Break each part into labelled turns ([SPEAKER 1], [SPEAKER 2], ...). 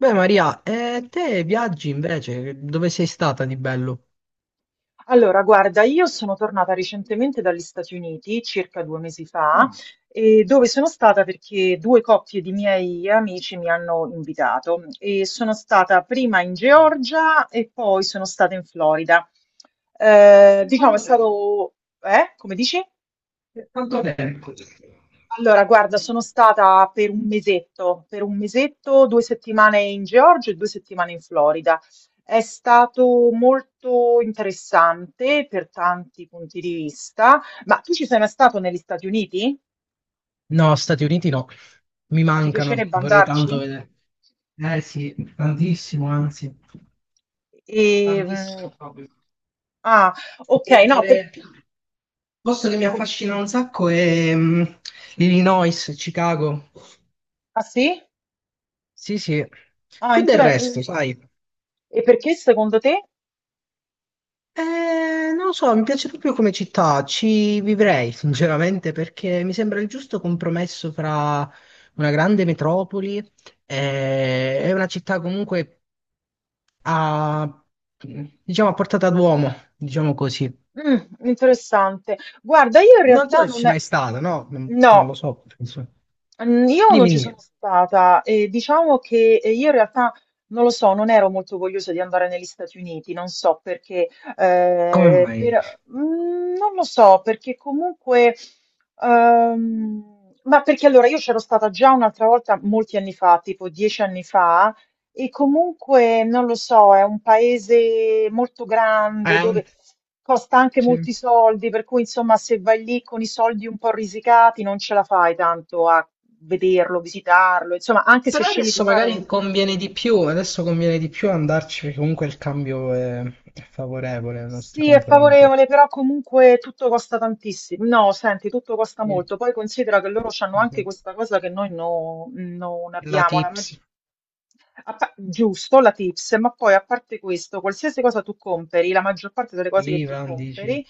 [SPEAKER 1] Beh, Maria, e te viaggi invece? Dove sei stata di bello?
[SPEAKER 2] Allora, guarda, io sono tornata recentemente dagli Stati Uniti, circa 2 mesi fa,
[SPEAKER 1] Ah,
[SPEAKER 2] e dove sono stata perché due coppie di miei amici mi hanno invitato e sono stata prima in Georgia e poi sono stata in Florida. Eh,
[SPEAKER 1] per
[SPEAKER 2] diciamo, è
[SPEAKER 1] quanto tempo?
[SPEAKER 2] stato. Eh? Come dici?
[SPEAKER 1] Per quanto tempo?
[SPEAKER 2] Allora, guarda, sono stata per un mesetto, 2 settimane in Georgia e 2 settimane in Florida. È stato molto interessante per tanti punti di vista, ma tu ci sei mai stato negli Stati Uniti?
[SPEAKER 1] No, Stati Uniti no, mi
[SPEAKER 2] Ma ti
[SPEAKER 1] mancano,
[SPEAKER 2] piacerebbe
[SPEAKER 1] vorrei tanto
[SPEAKER 2] andarci?
[SPEAKER 1] vedere. Eh sì, tantissimo, anzi,
[SPEAKER 2] E, mm,
[SPEAKER 1] tantissimo proprio.
[SPEAKER 2] ah, ok, no,
[SPEAKER 1] Prendere- Posto che mi
[SPEAKER 2] com-
[SPEAKER 1] affascina un sacco è Illinois, Chicago.
[SPEAKER 2] ah sì?
[SPEAKER 1] Sì, sì,
[SPEAKER 2] Ah,
[SPEAKER 1] più del resto, sai.
[SPEAKER 2] e perché secondo te?
[SPEAKER 1] Non lo so, mi piace proprio come città, ci vivrei sinceramente perché mi sembra il giusto compromesso fra una grande metropoli e una città comunque a, diciamo, a portata d'uomo, diciamo così.
[SPEAKER 2] Mm, interessante. Guarda, io in
[SPEAKER 1] Non so
[SPEAKER 2] realtà
[SPEAKER 1] se ci
[SPEAKER 2] non
[SPEAKER 1] mai
[SPEAKER 2] è.
[SPEAKER 1] stato, no? Non
[SPEAKER 2] No.
[SPEAKER 1] lo so, penso.
[SPEAKER 2] Io non
[SPEAKER 1] Dimmi,
[SPEAKER 2] ci sono
[SPEAKER 1] dimmi,
[SPEAKER 2] stata e diciamo che io in realtà non lo so, non ero molto vogliosa di andare negli Stati Uniti, non so perché,
[SPEAKER 1] come mai?
[SPEAKER 2] non lo so perché comunque, ehm, ma perché allora io c'ero stata già un'altra volta molti anni fa, tipo 10 anni fa, e comunque, non lo so, è un paese molto grande
[SPEAKER 1] Eh,
[SPEAKER 2] dove costa anche
[SPEAKER 1] sì.
[SPEAKER 2] molti soldi, per cui insomma se vai lì con i soldi un po' risicati non ce la fai tanto a vederlo, visitarlo, insomma anche se
[SPEAKER 1] Però
[SPEAKER 2] scegli di
[SPEAKER 1] adesso
[SPEAKER 2] fare un.
[SPEAKER 1] magari conviene di più, adesso conviene di più andarci perché comunque il cambio è favorevole nei nostri
[SPEAKER 2] Sì, è
[SPEAKER 1] confronti.
[SPEAKER 2] favorevole, però comunque tutto costa tantissimo. No, senti, tutto costa
[SPEAKER 1] Sì,
[SPEAKER 2] molto. Poi considera che loro hanno
[SPEAKER 1] sì,
[SPEAKER 2] anche
[SPEAKER 1] sì.
[SPEAKER 2] questa cosa che noi non
[SPEAKER 1] La
[SPEAKER 2] abbiamo. La
[SPEAKER 1] tips,
[SPEAKER 2] maggi-. Giusto, la tips, ma poi a parte questo, qualsiasi cosa tu compri, la maggior parte delle cose che tu
[SPEAKER 1] l'IVA, dici.
[SPEAKER 2] compri,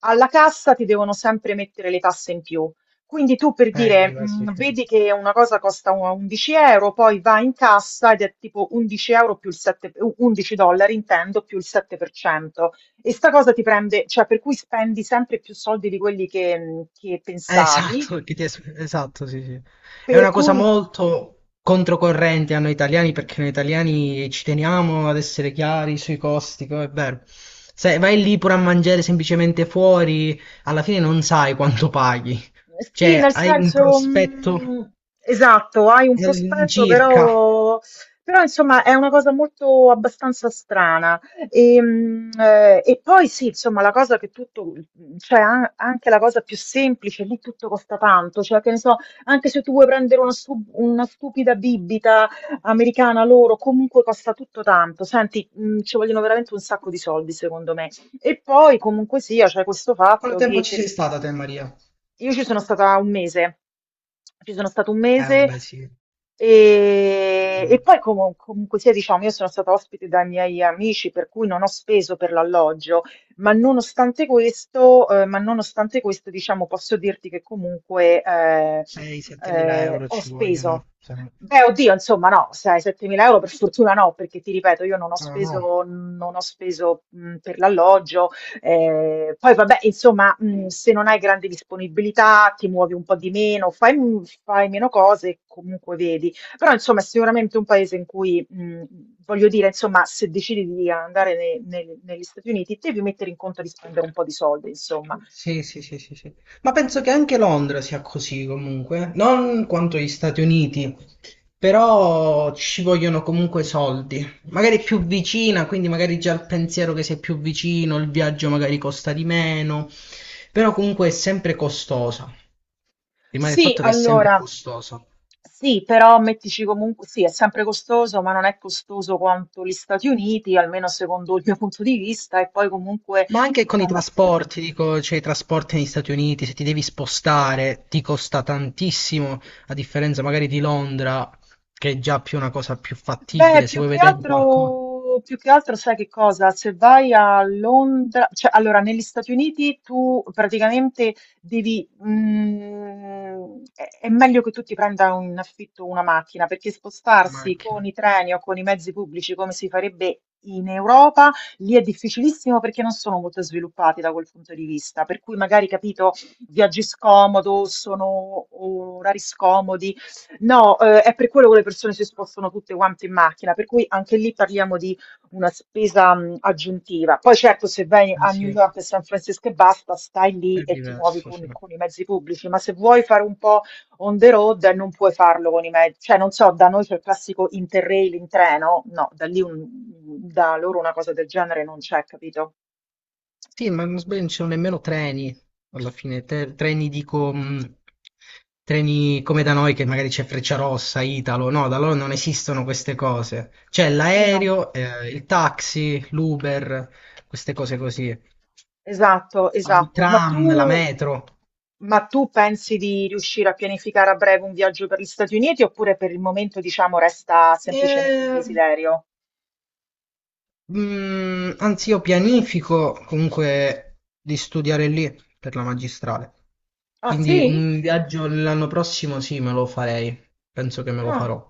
[SPEAKER 2] alla cassa ti devono sempre mettere le tasse in più. Quindi tu per dire,
[SPEAKER 1] l'IVA, sì, sì.
[SPEAKER 2] vedi che una cosa costa 11 euro, poi va in cassa ed è tipo 11 euro più il 7, 11 dollari intendo, più il 7%. E sta cosa ti prende, cioè per cui spendi sempre più soldi di quelli che pensavi.
[SPEAKER 1] Esatto, che ti esatto, sì, sì. È
[SPEAKER 2] Per
[SPEAKER 1] una cosa
[SPEAKER 2] cui.
[SPEAKER 1] molto controcorrente a noi italiani perché noi italiani ci teniamo ad essere chiari sui costi, è vero. Se vai lì pure a mangiare semplicemente fuori, alla fine non sai quanto paghi.
[SPEAKER 2] Sì,
[SPEAKER 1] Cioè,
[SPEAKER 2] nel
[SPEAKER 1] hai un
[SPEAKER 2] senso,
[SPEAKER 1] prospetto
[SPEAKER 2] esatto, hai un prospetto,
[SPEAKER 1] all'incirca.
[SPEAKER 2] però, insomma è una cosa molto abbastanza strana. E poi sì, insomma, la cosa che tutto, cioè anche la cosa più semplice, lì tutto costa tanto, cioè che ne so, anche se tu vuoi prendere una stupida bibita americana loro, comunque costa tutto tanto. Senti, ci vogliono veramente un sacco di soldi, secondo me. E poi comunque sia, c'è questo
[SPEAKER 1] Quanto
[SPEAKER 2] fatto
[SPEAKER 1] tempo
[SPEAKER 2] che
[SPEAKER 1] ci
[SPEAKER 2] per
[SPEAKER 1] sei stata te, Maria?
[SPEAKER 2] io ci sono stata un mese, ci sono stato un mese
[SPEAKER 1] Vabbè, sì.
[SPEAKER 2] e,
[SPEAKER 1] Eh.
[SPEAKER 2] e poi comunque sia, diciamo, io sono stata ospite dai miei amici, per cui non ho speso per l'alloggio, ma nonostante questo, diciamo, posso dirti che comunque
[SPEAKER 1] 6-7 euro
[SPEAKER 2] ho
[SPEAKER 1] ci
[SPEAKER 2] speso.
[SPEAKER 1] vogliono. Se no-
[SPEAKER 2] Beh, oddio, insomma, no, sai, 7.000 euro per fortuna no, perché ti ripeto, io non ho
[SPEAKER 1] No, no.
[SPEAKER 2] speso, non ho speso per l'alloggio, poi vabbè, insomma, se non hai grande disponibilità, ti muovi un po' di meno, fai meno cose, comunque vedi. Però insomma è sicuramente un paese in cui, voglio dire, insomma, se decidi di andare ne nel negli Stati Uniti, devi mettere in conto di spendere un po' di soldi, insomma.
[SPEAKER 1] Sì, sì, sì, sì, sì. Ma penso che anche Londra sia così comunque. Non quanto gli Stati Uniti, però ci vogliono comunque soldi. Magari più vicina, quindi magari già il pensiero che sei più vicino, il viaggio magari costa di meno, però comunque è sempre costosa. Rimane il
[SPEAKER 2] Sì,
[SPEAKER 1] fatto che è sempre
[SPEAKER 2] allora
[SPEAKER 1] costosa.
[SPEAKER 2] sì, però mettici comunque sì, è sempre costoso, ma non è costoso quanto gli Stati Uniti, almeno secondo il mio punto di vista, e poi comunque
[SPEAKER 1] Ma anche con i
[SPEAKER 2] diciamo.
[SPEAKER 1] trasporti, dico, cioè i trasporti negli Stati Uniti, se ti devi spostare, ti costa tantissimo, a differenza magari di Londra, che è già più una cosa più
[SPEAKER 2] Beh,
[SPEAKER 1] fattibile, se vuoi vedere qualcosa,
[SPEAKER 2] più che altro sai che cosa? Se vai a Londra, cioè allora negli Stati Uniti tu praticamente è meglio che tu ti prenda in affitto una macchina perché
[SPEAKER 1] una
[SPEAKER 2] spostarsi con
[SPEAKER 1] macchina.
[SPEAKER 2] i treni o con i mezzi pubblici come si farebbe in Europa, lì è difficilissimo perché non sono molto sviluppati da quel punto di vista, per cui magari capito, viaggi scomodo, sono orari scomodi. No, è per quello che le persone si spostano tutte quante in macchina, per cui anche lì parliamo di una spesa aggiuntiva. Poi certo, se vai
[SPEAKER 1] Eh
[SPEAKER 2] a
[SPEAKER 1] sì,
[SPEAKER 2] New
[SPEAKER 1] è
[SPEAKER 2] York e San Francisco e basta, stai lì e ti muovi
[SPEAKER 1] diverso, sì.
[SPEAKER 2] con i mezzi pubblici, ma se vuoi fare un po' on the road non puoi farlo con i mezzi. Cioè, non so, da noi c'è il classico interrail in treno, no, da loro una cosa del genere non c'è, capito?
[SPEAKER 1] Sì, ma non sbaglio, non ci sono nemmeno treni, alla fine, treni dico, treni come da noi che magari c'è Frecciarossa, Italo, no, da loro non esistono queste cose. C'è
[SPEAKER 2] Sì, no.
[SPEAKER 1] l'aereo, il taxi, l'Uber, queste cose così.
[SPEAKER 2] Esatto,
[SPEAKER 1] Ma il
[SPEAKER 2] esatto.
[SPEAKER 1] tram, la metro.
[SPEAKER 2] Ma tu pensi di riuscire a pianificare a breve un viaggio per gli Stati Uniti oppure per il momento, diciamo, resta
[SPEAKER 1] E,
[SPEAKER 2] semplicemente un desiderio?
[SPEAKER 1] anzi, io pianifico comunque di studiare lì per la magistrale.
[SPEAKER 2] Ah,
[SPEAKER 1] Quindi
[SPEAKER 2] sì?
[SPEAKER 1] un viaggio l'anno prossimo sì, me lo farei. Penso che me lo
[SPEAKER 2] Ah,
[SPEAKER 1] farò.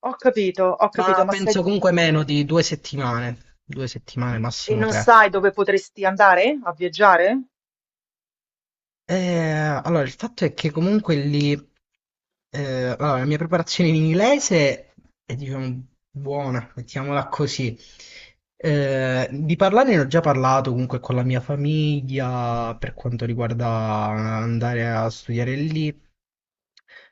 [SPEAKER 2] ho capito,
[SPEAKER 1] Ma
[SPEAKER 2] ma se.
[SPEAKER 1] penso comunque meno di 2 settimane. 2 settimane,
[SPEAKER 2] E
[SPEAKER 1] massimo
[SPEAKER 2] non
[SPEAKER 1] tre.
[SPEAKER 2] sai dove potresti andare a viaggiare?
[SPEAKER 1] Eh, allora, il fatto è che comunque lì, eh, allora, la mia preparazione in inglese è, diciamo, buona, mettiamola così. Di parlare ne ho già parlato comunque con la mia famiglia per quanto riguarda andare a studiare lì,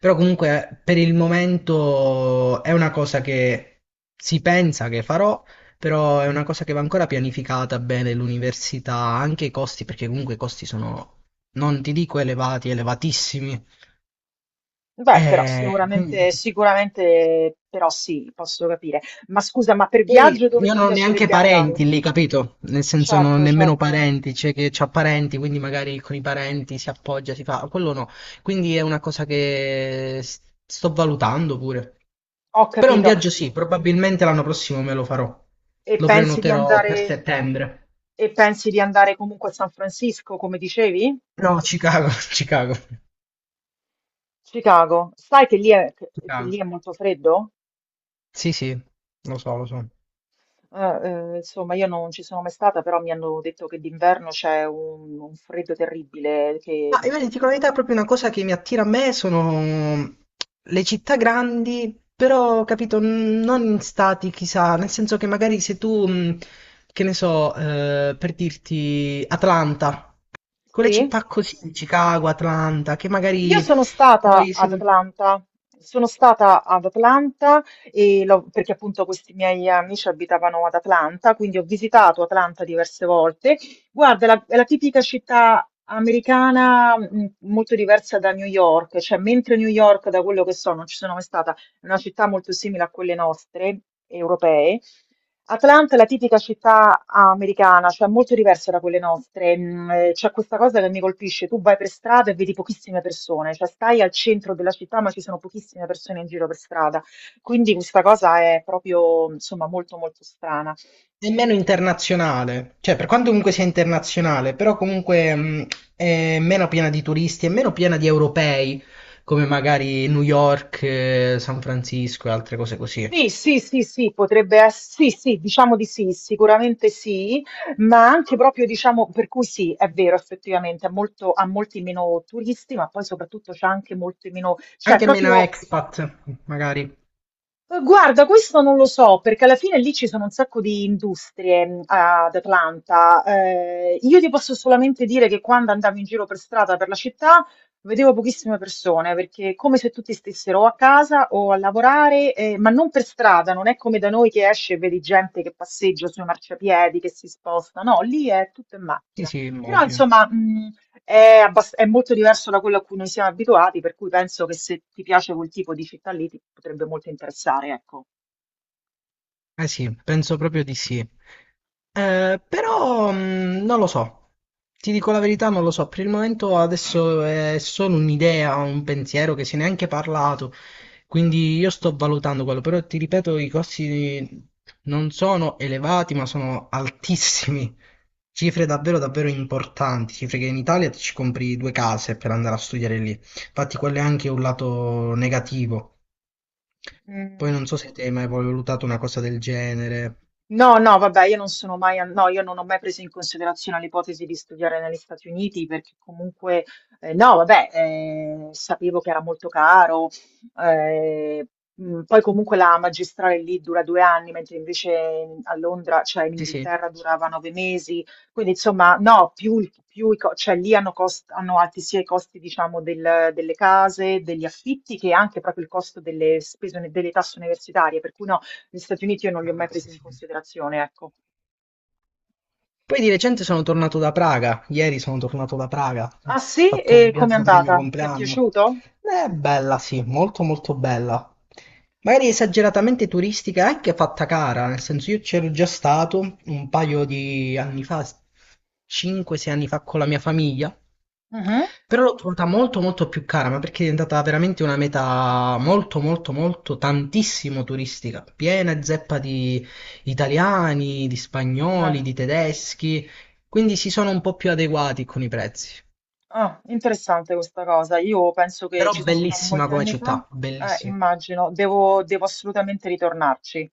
[SPEAKER 1] però comunque per il momento è una cosa che si pensa che farò. Però è una cosa che va ancora pianificata bene l'università, anche i costi, perché comunque i costi sono non ti dico elevati, elevatissimi.
[SPEAKER 2] Beh, però
[SPEAKER 1] Quindi.
[SPEAKER 2] sicuramente, sicuramente, però sì, posso capire. Ma scusa, ma per viaggio
[SPEAKER 1] Poi,
[SPEAKER 2] dove
[SPEAKER 1] io
[SPEAKER 2] ti
[SPEAKER 1] non ho neanche
[SPEAKER 2] piacerebbe
[SPEAKER 1] parenti
[SPEAKER 2] andare?
[SPEAKER 1] lì, capito? Nel senso non ho
[SPEAKER 2] Certo,
[SPEAKER 1] nemmeno
[SPEAKER 2] certo,
[SPEAKER 1] parenti, c'è chi ha parenti, quindi magari con i parenti si appoggia, si fa, quello no. Quindi è una cosa che sto valutando pure.
[SPEAKER 2] ho
[SPEAKER 1] Però un
[SPEAKER 2] capito.
[SPEAKER 1] viaggio sì, probabilmente l'anno prossimo me lo farò.
[SPEAKER 2] E
[SPEAKER 1] Lo
[SPEAKER 2] pensi di
[SPEAKER 1] prenoterò per
[SPEAKER 2] andare,
[SPEAKER 1] settembre.
[SPEAKER 2] e pensi di andare comunque a San Francisco, come dicevi?
[SPEAKER 1] No, Chicago, Chicago,
[SPEAKER 2] Chicago. Sai che
[SPEAKER 1] Chicago.
[SPEAKER 2] lì è molto freddo?
[SPEAKER 1] Sì, sì, lo so, lo so.
[SPEAKER 2] Eh, insomma, io non ci sono mai stata, però mi hanno detto che d'inverno c'è un freddo terribile. Che.
[SPEAKER 1] Ma io ti dico la verità, proprio una cosa che mi attira a me sono le città grandi, però, capito, non in stati, chissà, nel senso che magari se tu, che ne so, per dirti Atlanta, quelle
[SPEAKER 2] Sì?
[SPEAKER 1] città così, Chicago, Atlanta, che
[SPEAKER 2] Io
[SPEAKER 1] magari
[SPEAKER 2] sono stata
[SPEAKER 1] poi se
[SPEAKER 2] ad
[SPEAKER 1] vuoi.
[SPEAKER 2] Atlanta, sono stata ad Atlanta e l'ho-. Perché appunto questi miei amici abitavano ad Atlanta, quindi ho visitato Atlanta diverse volte. Guarda, è la tipica città americana molto diversa da New York, cioè mentre New York, da quello che so, non ci sono mai stata, è una città molto simile a quelle nostre, europee. Atlanta è la tipica città americana, cioè molto diversa da quelle nostre. C'è questa cosa che mi colpisce, tu vai per strada e vedi pochissime persone, cioè stai al centro della città ma ci sono pochissime persone in giro per strada, quindi questa cosa è proprio insomma molto molto strana.
[SPEAKER 1] È meno internazionale, cioè per quanto comunque sia internazionale, però comunque è meno piena di turisti, è meno piena di europei, come magari New York, San Francisco e altre cose così.
[SPEAKER 2] Sì, sì, sì, sì, potrebbe ess sì, sì, diciamo di sì, sicuramente sì, ma anche proprio diciamo per cui sì, è vero effettivamente, ha molti meno turisti, ma poi soprattutto c'ha anche molti meno cioè
[SPEAKER 1] Anche meno
[SPEAKER 2] proprio.
[SPEAKER 1] expat, magari.
[SPEAKER 2] Guarda, questo non lo so, perché alla fine lì ci sono un sacco di industrie ad Atlanta. Io ti posso solamente dire che quando andavo in giro per strada per la città vedevo pochissime persone, perché è come se tutti stessero o a casa o a lavorare, ma non per strada, non è come da noi che esce e vedi gente che passeggia sui marciapiedi, che si sposta, no, lì è tutto in
[SPEAKER 1] Sì,
[SPEAKER 2] macchina.
[SPEAKER 1] sì,
[SPEAKER 2] Però
[SPEAKER 1] immagino.
[SPEAKER 2] insomma, è molto diverso da quello a cui noi siamo abituati, per cui penso che se ti piace quel tipo di città lì ti potrebbe molto interessare, ecco.
[SPEAKER 1] Eh sì, penso proprio di sì. Però non lo so, ti dico la verità, non lo so. Per il momento adesso è solo un'idea, un pensiero che se ne è anche parlato, quindi io sto valutando quello, però ti ripeto, i costi non sono elevati, ma sono altissimi. Cifre davvero, davvero importanti, cifre che in Italia ti ci compri due case per andare a studiare lì. Infatti quello è anche un lato negativo. Poi
[SPEAKER 2] Mm.
[SPEAKER 1] non so se te hai mai valutato una cosa del genere.
[SPEAKER 2] No, no, vabbè, io non sono mai, an- no, io non ho mai preso in considerazione l'ipotesi di studiare negli Stati Uniti perché comunque, no, vabbè, sapevo che era molto caro, eh, poi comunque la magistrale lì dura 2 anni, mentre invece a Londra, cioè in
[SPEAKER 1] Sì, sì.
[SPEAKER 2] Inghilterra durava 9 mesi, quindi insomma, no, più, il- più i co- cioè lì hanno, hanno alti sia i costi, diciamo, delle case, degli affitti, che anche proprio il costo delle spese, delle tasse universitarie, per cui no. Gli Stati Uniti io non li ho mai
[SPEAKER 1] Ah, sì,
[SPEAKER 2] presi in
[SPEAKER 1] sì.
[SPEAKER 2] considerazione, ecco.
[SPEAKER 1] Poi di recente sono tornato da Praga, ieri sono tornato da Praga, ho
[SPEAKER 2] Ah sì?
[SPEAKER 1] fatto un
[SPEAKER 2] E com'è
[SPEAKER 1] viaggio per il mio
[SPEAKER 2] andata? Ti è
[SPEAKER 1] compleanno.
[SPEAKER 2] piaciuto?
[SPEAKER 1] È bella, sì, molto molto bella. Magari esageratamente turistica, è anche fatta cara, nel senso io c'ero già stato un paio di anni fa, 5-6 anni fa con la mia famiglia,
[SPEAKER 2] Mhm.
[SPEAKER 1] però l'ho trovata molto molto più cara, ma perché è diventata veramente una meta molto molto molto tantissimo turistica, piena e zeppa di italiani, di spagnoli,
[SPEAKER 2] Ah,
[SPEAKER 1] di tedeschi, quindi si sono un po' più adeguati con i prezzi.
[SPEAKER 2] ah, interessante questa cosa. Io penso che
[SPEAKER 1] Però
[SPEAKER 2] ci sono stata
[SPEAKER 1] bellissima
[SPEAKER 2] molti
[SPEAKER 1] come
[SPEAKER 2] anni fa.
[SPEAKER 1] città,
[SPEAKER 2] Eh,
[SPEAKER 1] bellissima.
[SPEAKER 2] immagino, devo assolutamente ritornarci.